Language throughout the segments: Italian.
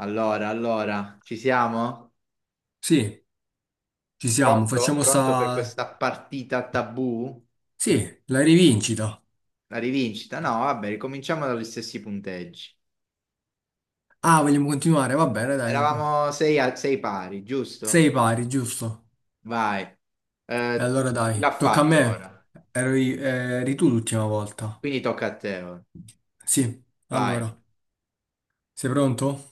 Allora, allora, ci siamo? Sì, ci siamo, Pronto? facciamo Pronto per sta... questa partita tabù? Sì, la rivincita. La rivincita? No, vabbè, ricominciamo dagli stessi punteggi. Ah, vogliamo continuare? Va bene, dai. Co- Eravamo sei, sei pari, giusto? Sei pari, giusto? Vai. E Eh, allora chi l'ha dai, tocca a fatto me. ora? Ero i- eri tu l'ultima volta. Quindi tocca a te ora. Sì, Vai. allora. Sei pronto?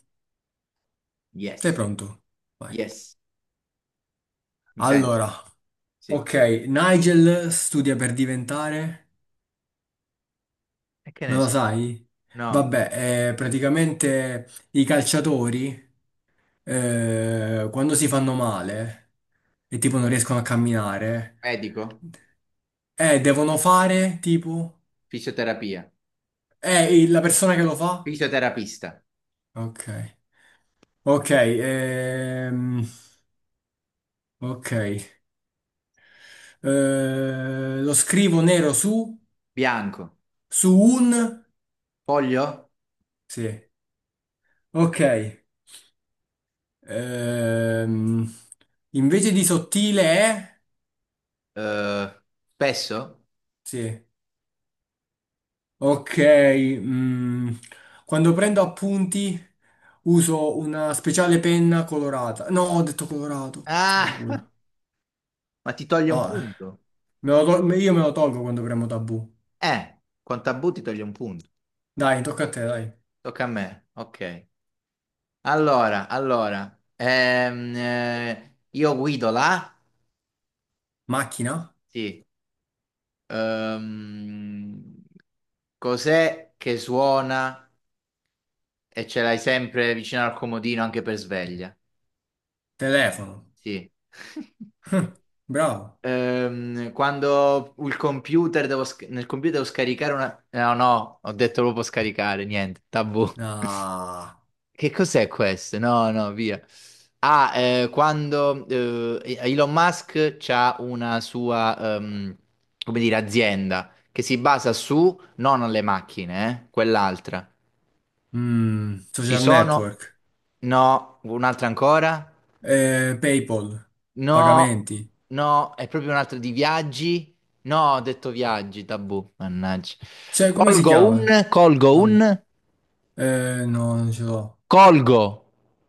Sei Yes, pronto? Vai. yes. Mi senti? Allora, Sì. ok, Nigel studia per diventare... E che ne Non lo so? sai? No. Vabbè, praticamente i calciatori quando si fanno male e tipo non riescono a camminare, Medico? Devono fare tipo... Fisioterapia? Il- la persona che lo fa? Fisioterapista? Ok. Ok, ok. Lo scrivo nero su... Bianco? Su un... Foglio? Sì. Ok. Ehm, invece di sottile è... Eh, spesso? Sì. Ok, mm, quando prendo appunti uso una speciale penna colorata. No, ho detto colorato. Ah! Fanculo. Ma ti toglie un No, eh. punto. Me lo tol- io me lo tolgo quando premo tabù. Con tabù ti toglie un punto. Dai, tocca a te, dai. Tocca a me. Ok. Allora, io guido là. Macchina? Sì. Ehm, cos'è che suona e ce l'hai sempre vicino al comodino anche per sveglia? Telefono. Sì. Hm, bravo. Quando il computer nel computer devo scaricare una... No, no, ho detto proprio scaricare, niente, tabù. Ah. Che cos'è questo? No, no, via. Quando Elon Musk c'ha una sua, come dire, azienda che si basa su, non le macchine, quell'altra. Mm, Ci social sono, network. no, un'altra ancora? PayPal. No, Pagamenti. no, è proprio un'altra di viaggi? No, ho detto viaggi, tabù, mannaggia. Cioè, come si Colgo chiama? un, colgo Ah, un, no, non ce l'ho. colgo.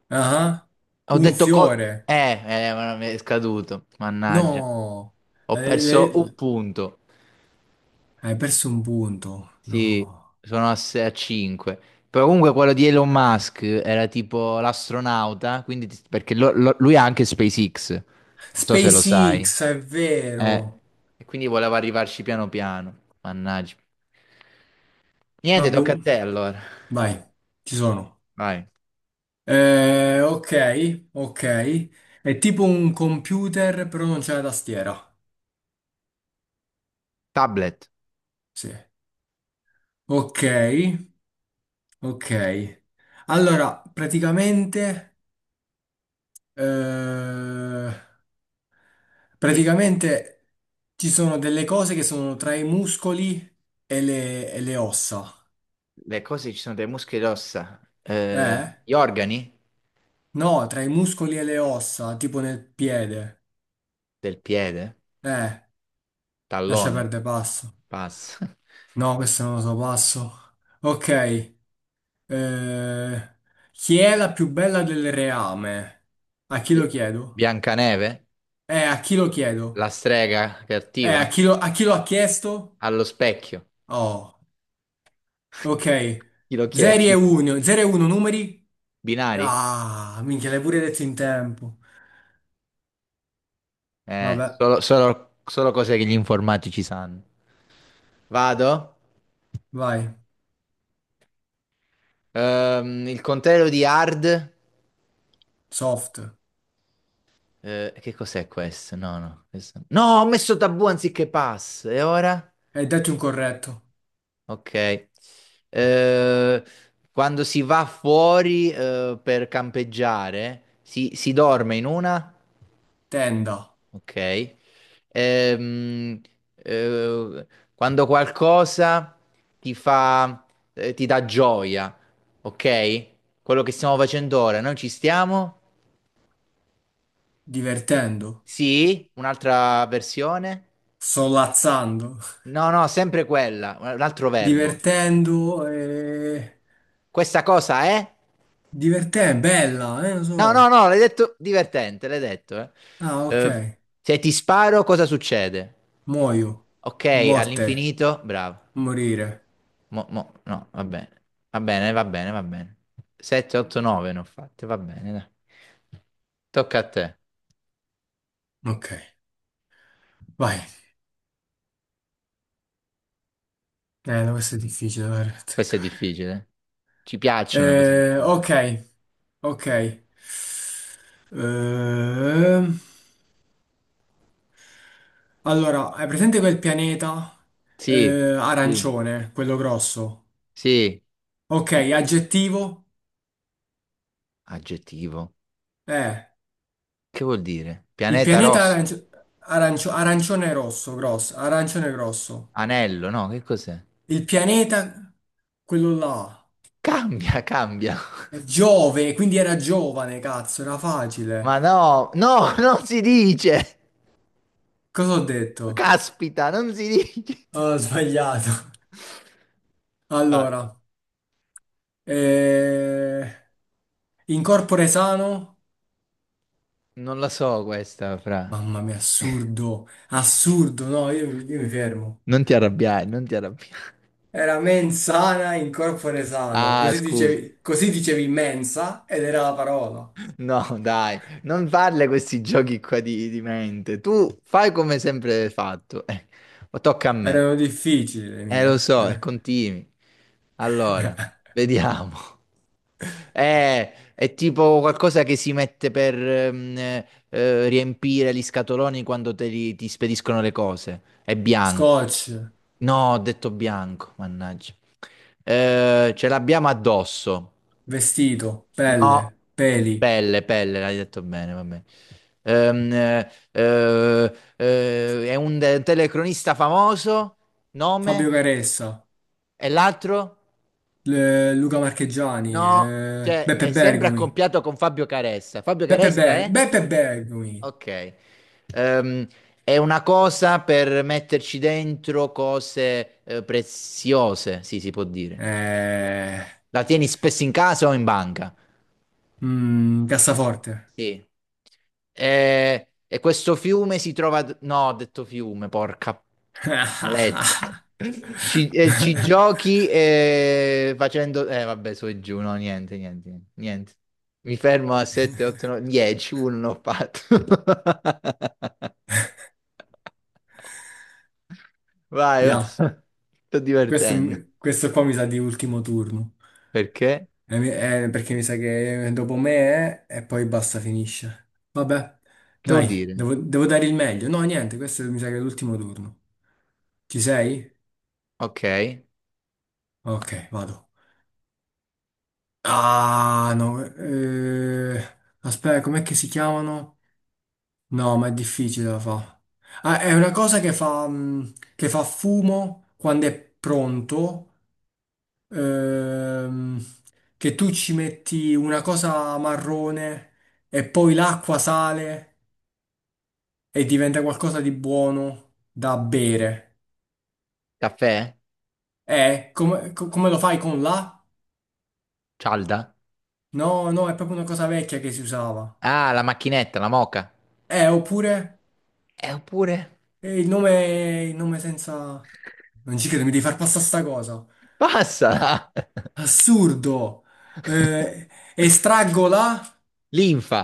Ah, Ho un detto col... fiore. Eh, eh, ma mi è scaduto, mannaggia. No, Ho perso un le- punto. hai perso un punto. No. Sì, sono a, 5. Però comunque quello di Elon Musk era tipo l'astronauta, quindi perché lui ha anche SpaceX. Non so se lo sai. SpaceX, è Eh, vero. e quindi voleva arrivarci piano piano. Mannaggia. Ah, Niente, tocca a boh. te allora. Vai, ci sono. Vai. Ok, ok. È tipo un computer, però non c'è la tastiera. Tablet. Sì. Ok, ok. Allora, praticamente, eh, Sì. praticamente ci sono delle cose che sono tra i muscoli e le ossa. Le cose ci sono delle muscole e ossa. Eh? Gli organi No, tra i muscoli e le ossa, tipo nel piede. del piede. Eh, lascia Tallone, perdere passo. passa. No, questo non lo so, passo. Ok. Eh, chi è la più bella del reame? A chi lo Bi- chiedo? Biancaneve, A chi lo chiedo? la strega cattiva, A chi lo ha chiesto? allo specchio. Oh, ok. Chi lo 0 e chiede? 1, 0 e 1 numeri? Binari? Ah, minchia, l'hai pure detto in tempo. Vabbè, Solo cose che gli informatici sanno. Vado. vai. Il contrario di hard. Soft. Eh, che cos'è questo? No, no. No, no, ho messo tabù anziché pass. E ora? Hai detto incorretto. Ok. Eh, quando si va fuori, per campeggiare, si dorme in una? Tenda. Ok. Ehm, eh, quando qualcosa ti fa, ti dà gioia, ok? Quello che stiamo facendo ora, noi ci stiamo? Divertendo, Sì, un'altra versione? solazzando, No, no, sempre quella, un altro verbo. divertendo e... Questa cosa è? Divertente, bella, lo No, no, so. no, l'hai detto divertente, l'hai detto, eh. Ah, ok. Eh, se ti sparo, cosa succede? Muoio. Ok, Morte. all'infinito, bravo. Morire. No, va bene. Va bene, va bene, va bene. 7, 8, 9 ne ho fatte, va bene, dai. Tocca a te. Ok. Vai. No, questo è difficile da Questo è azzeccare. difficile. Eh. Ci piacciono le cose difficili. Ok, ok. Ehm, allora, hai presente quel pianeta Sì, eh, sì, arancione, quello grosso? sì. Ok, Gi- aggettivo? Aggettivo. Eh. Che vuol dire? Il Pianeta pianeta rosso, arancio- arancio- arancione rosso, grosso, arancione grosso. anello, no, che cos'è? Il Ca- pianeta, quello là, cambia, cambia. è Giove, quindi era giovane, cazzo, era facile. Ma no, no, non si dice. Cosa ho detto? Caspita, non si dice. Ah, ho sbagliato. Vai. Allora, eh, incorpore sano? Non la so questa, fra. Mamma mia, assurdo, assurdo, no, io mi fermo. Non ti arrabbiare, non ti arrabbiare. Era mensana, incorpore sano, Ah, scusi. Così dicevi mensa ed era la parola. No, dai, non farle questi giochi qua di mente. Tu fai come sempre hai fatto. Tocca a me. Erano difficili le Lo mie. so, e Era- continui. Allora, vediamo. È tipo qualcosa che si mette per riempire gli scatoloni quando ti spediscono le cose. È bianco. Scotch, No, ho detto bianco, mannaggia. Ce l'abbiamo addosso. vestito, No, pelle, peli, pelle, pelle, l'hai detto bene, va bene. È un telecronista famoso. Fabio Nome? Caressa, E l'altro? le- Luca Marchegiani, No, cioè Beppe è sempre Bergomi, accoppiato con Fabio Caressa. Fabio Beppe, Caressa Be- è? Beppe Bergomi, Ok. Ehm, è una cosa per metterci dentro cose preziose, sì, si può dire. eh, La tieni spesso in casa o in banca? mm, cassaforte. Sì. Eh, E, questo fiume si trova... No, ho detto fiume, porca... Paletta. Ci, ci giochi facendo... vabbè, su e giù, no, niente, niente, niente. Niente. Mi fermo a 7, 8, 9, 10, uno non ho fatto. Vai, vai. Ya, Sto questo, divertendo. mi- questo qua mi sa di ultimo turno. Perché? Mi- perché mi sa che dopo me è, e poi basta, finisce. Vabbè, Che vuol dai, dire? devo dare il meglio. No, niente, questo mi sa che è l'ultimo turno. Ci sei? Ok. Ok, vado. Ah, no. Eh, aspetta, com'è che si chiamano? No, ma è difficile da fa. Ah, è una cosa che fa, mm, che fa fumo quando è pronto ehm, che tu ci metti una cosa marrone e poi l'acqua sale e diventa qualcosa di buono da bere. Caffè? Come, co- come lo fai con la? Cialda? No, no, è proprio una cosa vecchia che si usava. Ah, la macchinetta, la moca. Oppure Oppure... il nome senza... Non ci credo, mi devi far passare sta cosa. Passa! Assurdo! Eh, estraggo la... Linfa!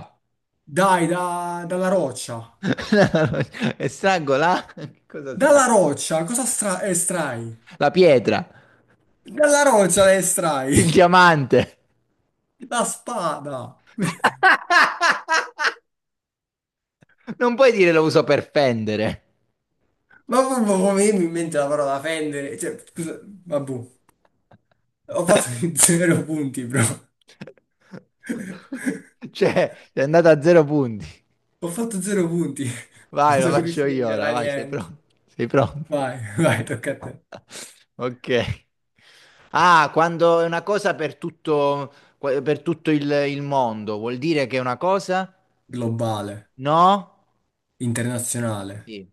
Dai, da- dalla roccia. È strangola? Che cosa Dalla strangola? roccia, cosa stra- estrai? La pietra, Dalla roccia la estrai, il diamante. la spada. Non puoi dire lo uso per fendere. Ma proprio come mi in mente la parola fendere, cioè, scusa, vabbè, ho fatto zero punti, bro. Cioè, è andata a zero punti. Ho fatto zero punti, non Vai, lo sono faccio riuscito a io ora, ingarrare vai, sei niente. pronto? Sei pronto? Vai, vai, tocca a te. Ok. Ah, quando è una cosa per tutto il mondo, vuol dire che è una cosa? Globale, No? internazionale, Sì.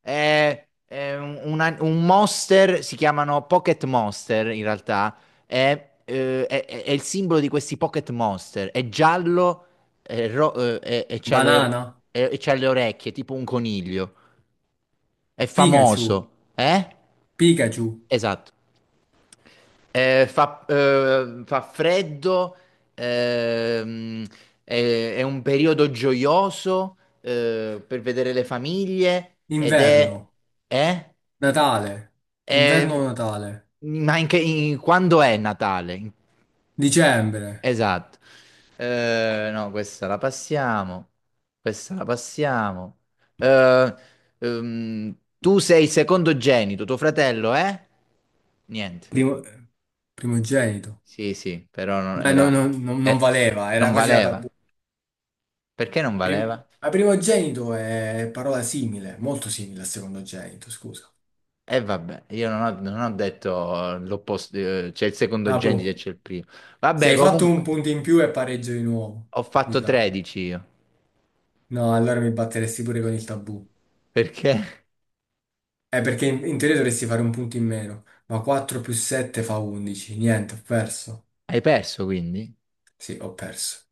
È un, un monster, si chiamano Pocket Monster in realtà, è, è il simbolo di questi Pocket Monster, è giallo, e c'ha le, banana, e c'ha le orecchie, tipo un coniglio, è Pikachu, famoso, eh? Pikachu, Esatto. Fa, fa freddo, ehm, è un periodo gioioso per vedere le famiglie ed inverno, è... eh? Natale, Eh, inverno-Natale, ma in quando è Natale? In- dicembre, Esatto. No, questa la passiamo. Questa la passiamo. Eh, tu sei secondogenito, tuo fratello è? Niente. primo, primogenito. Sì, sì, però non Beh, no- era... no- no- non eh, valeva, era non quasi la valeva. tabù. Perché non Prim- valeva? a primogenito è parola simile, molto simile al secondogenito, scusa. E vabbè, io non ho, non ho detto l'opposto, c'è il Ah, secondogenito e boh. c'è il primo. Se Vabbè, hai fatto un comunque, punto in più è pareggio di nuovo, ho mi fatto sa. 13 io. No, allora mi batteresti pure con il tabù. Perché? Perché in teoria dovresti fare un punto in meno, ma 4 più 7 fa 11. Niente, ho perso. Hai perso quindi? Sì, ho perso.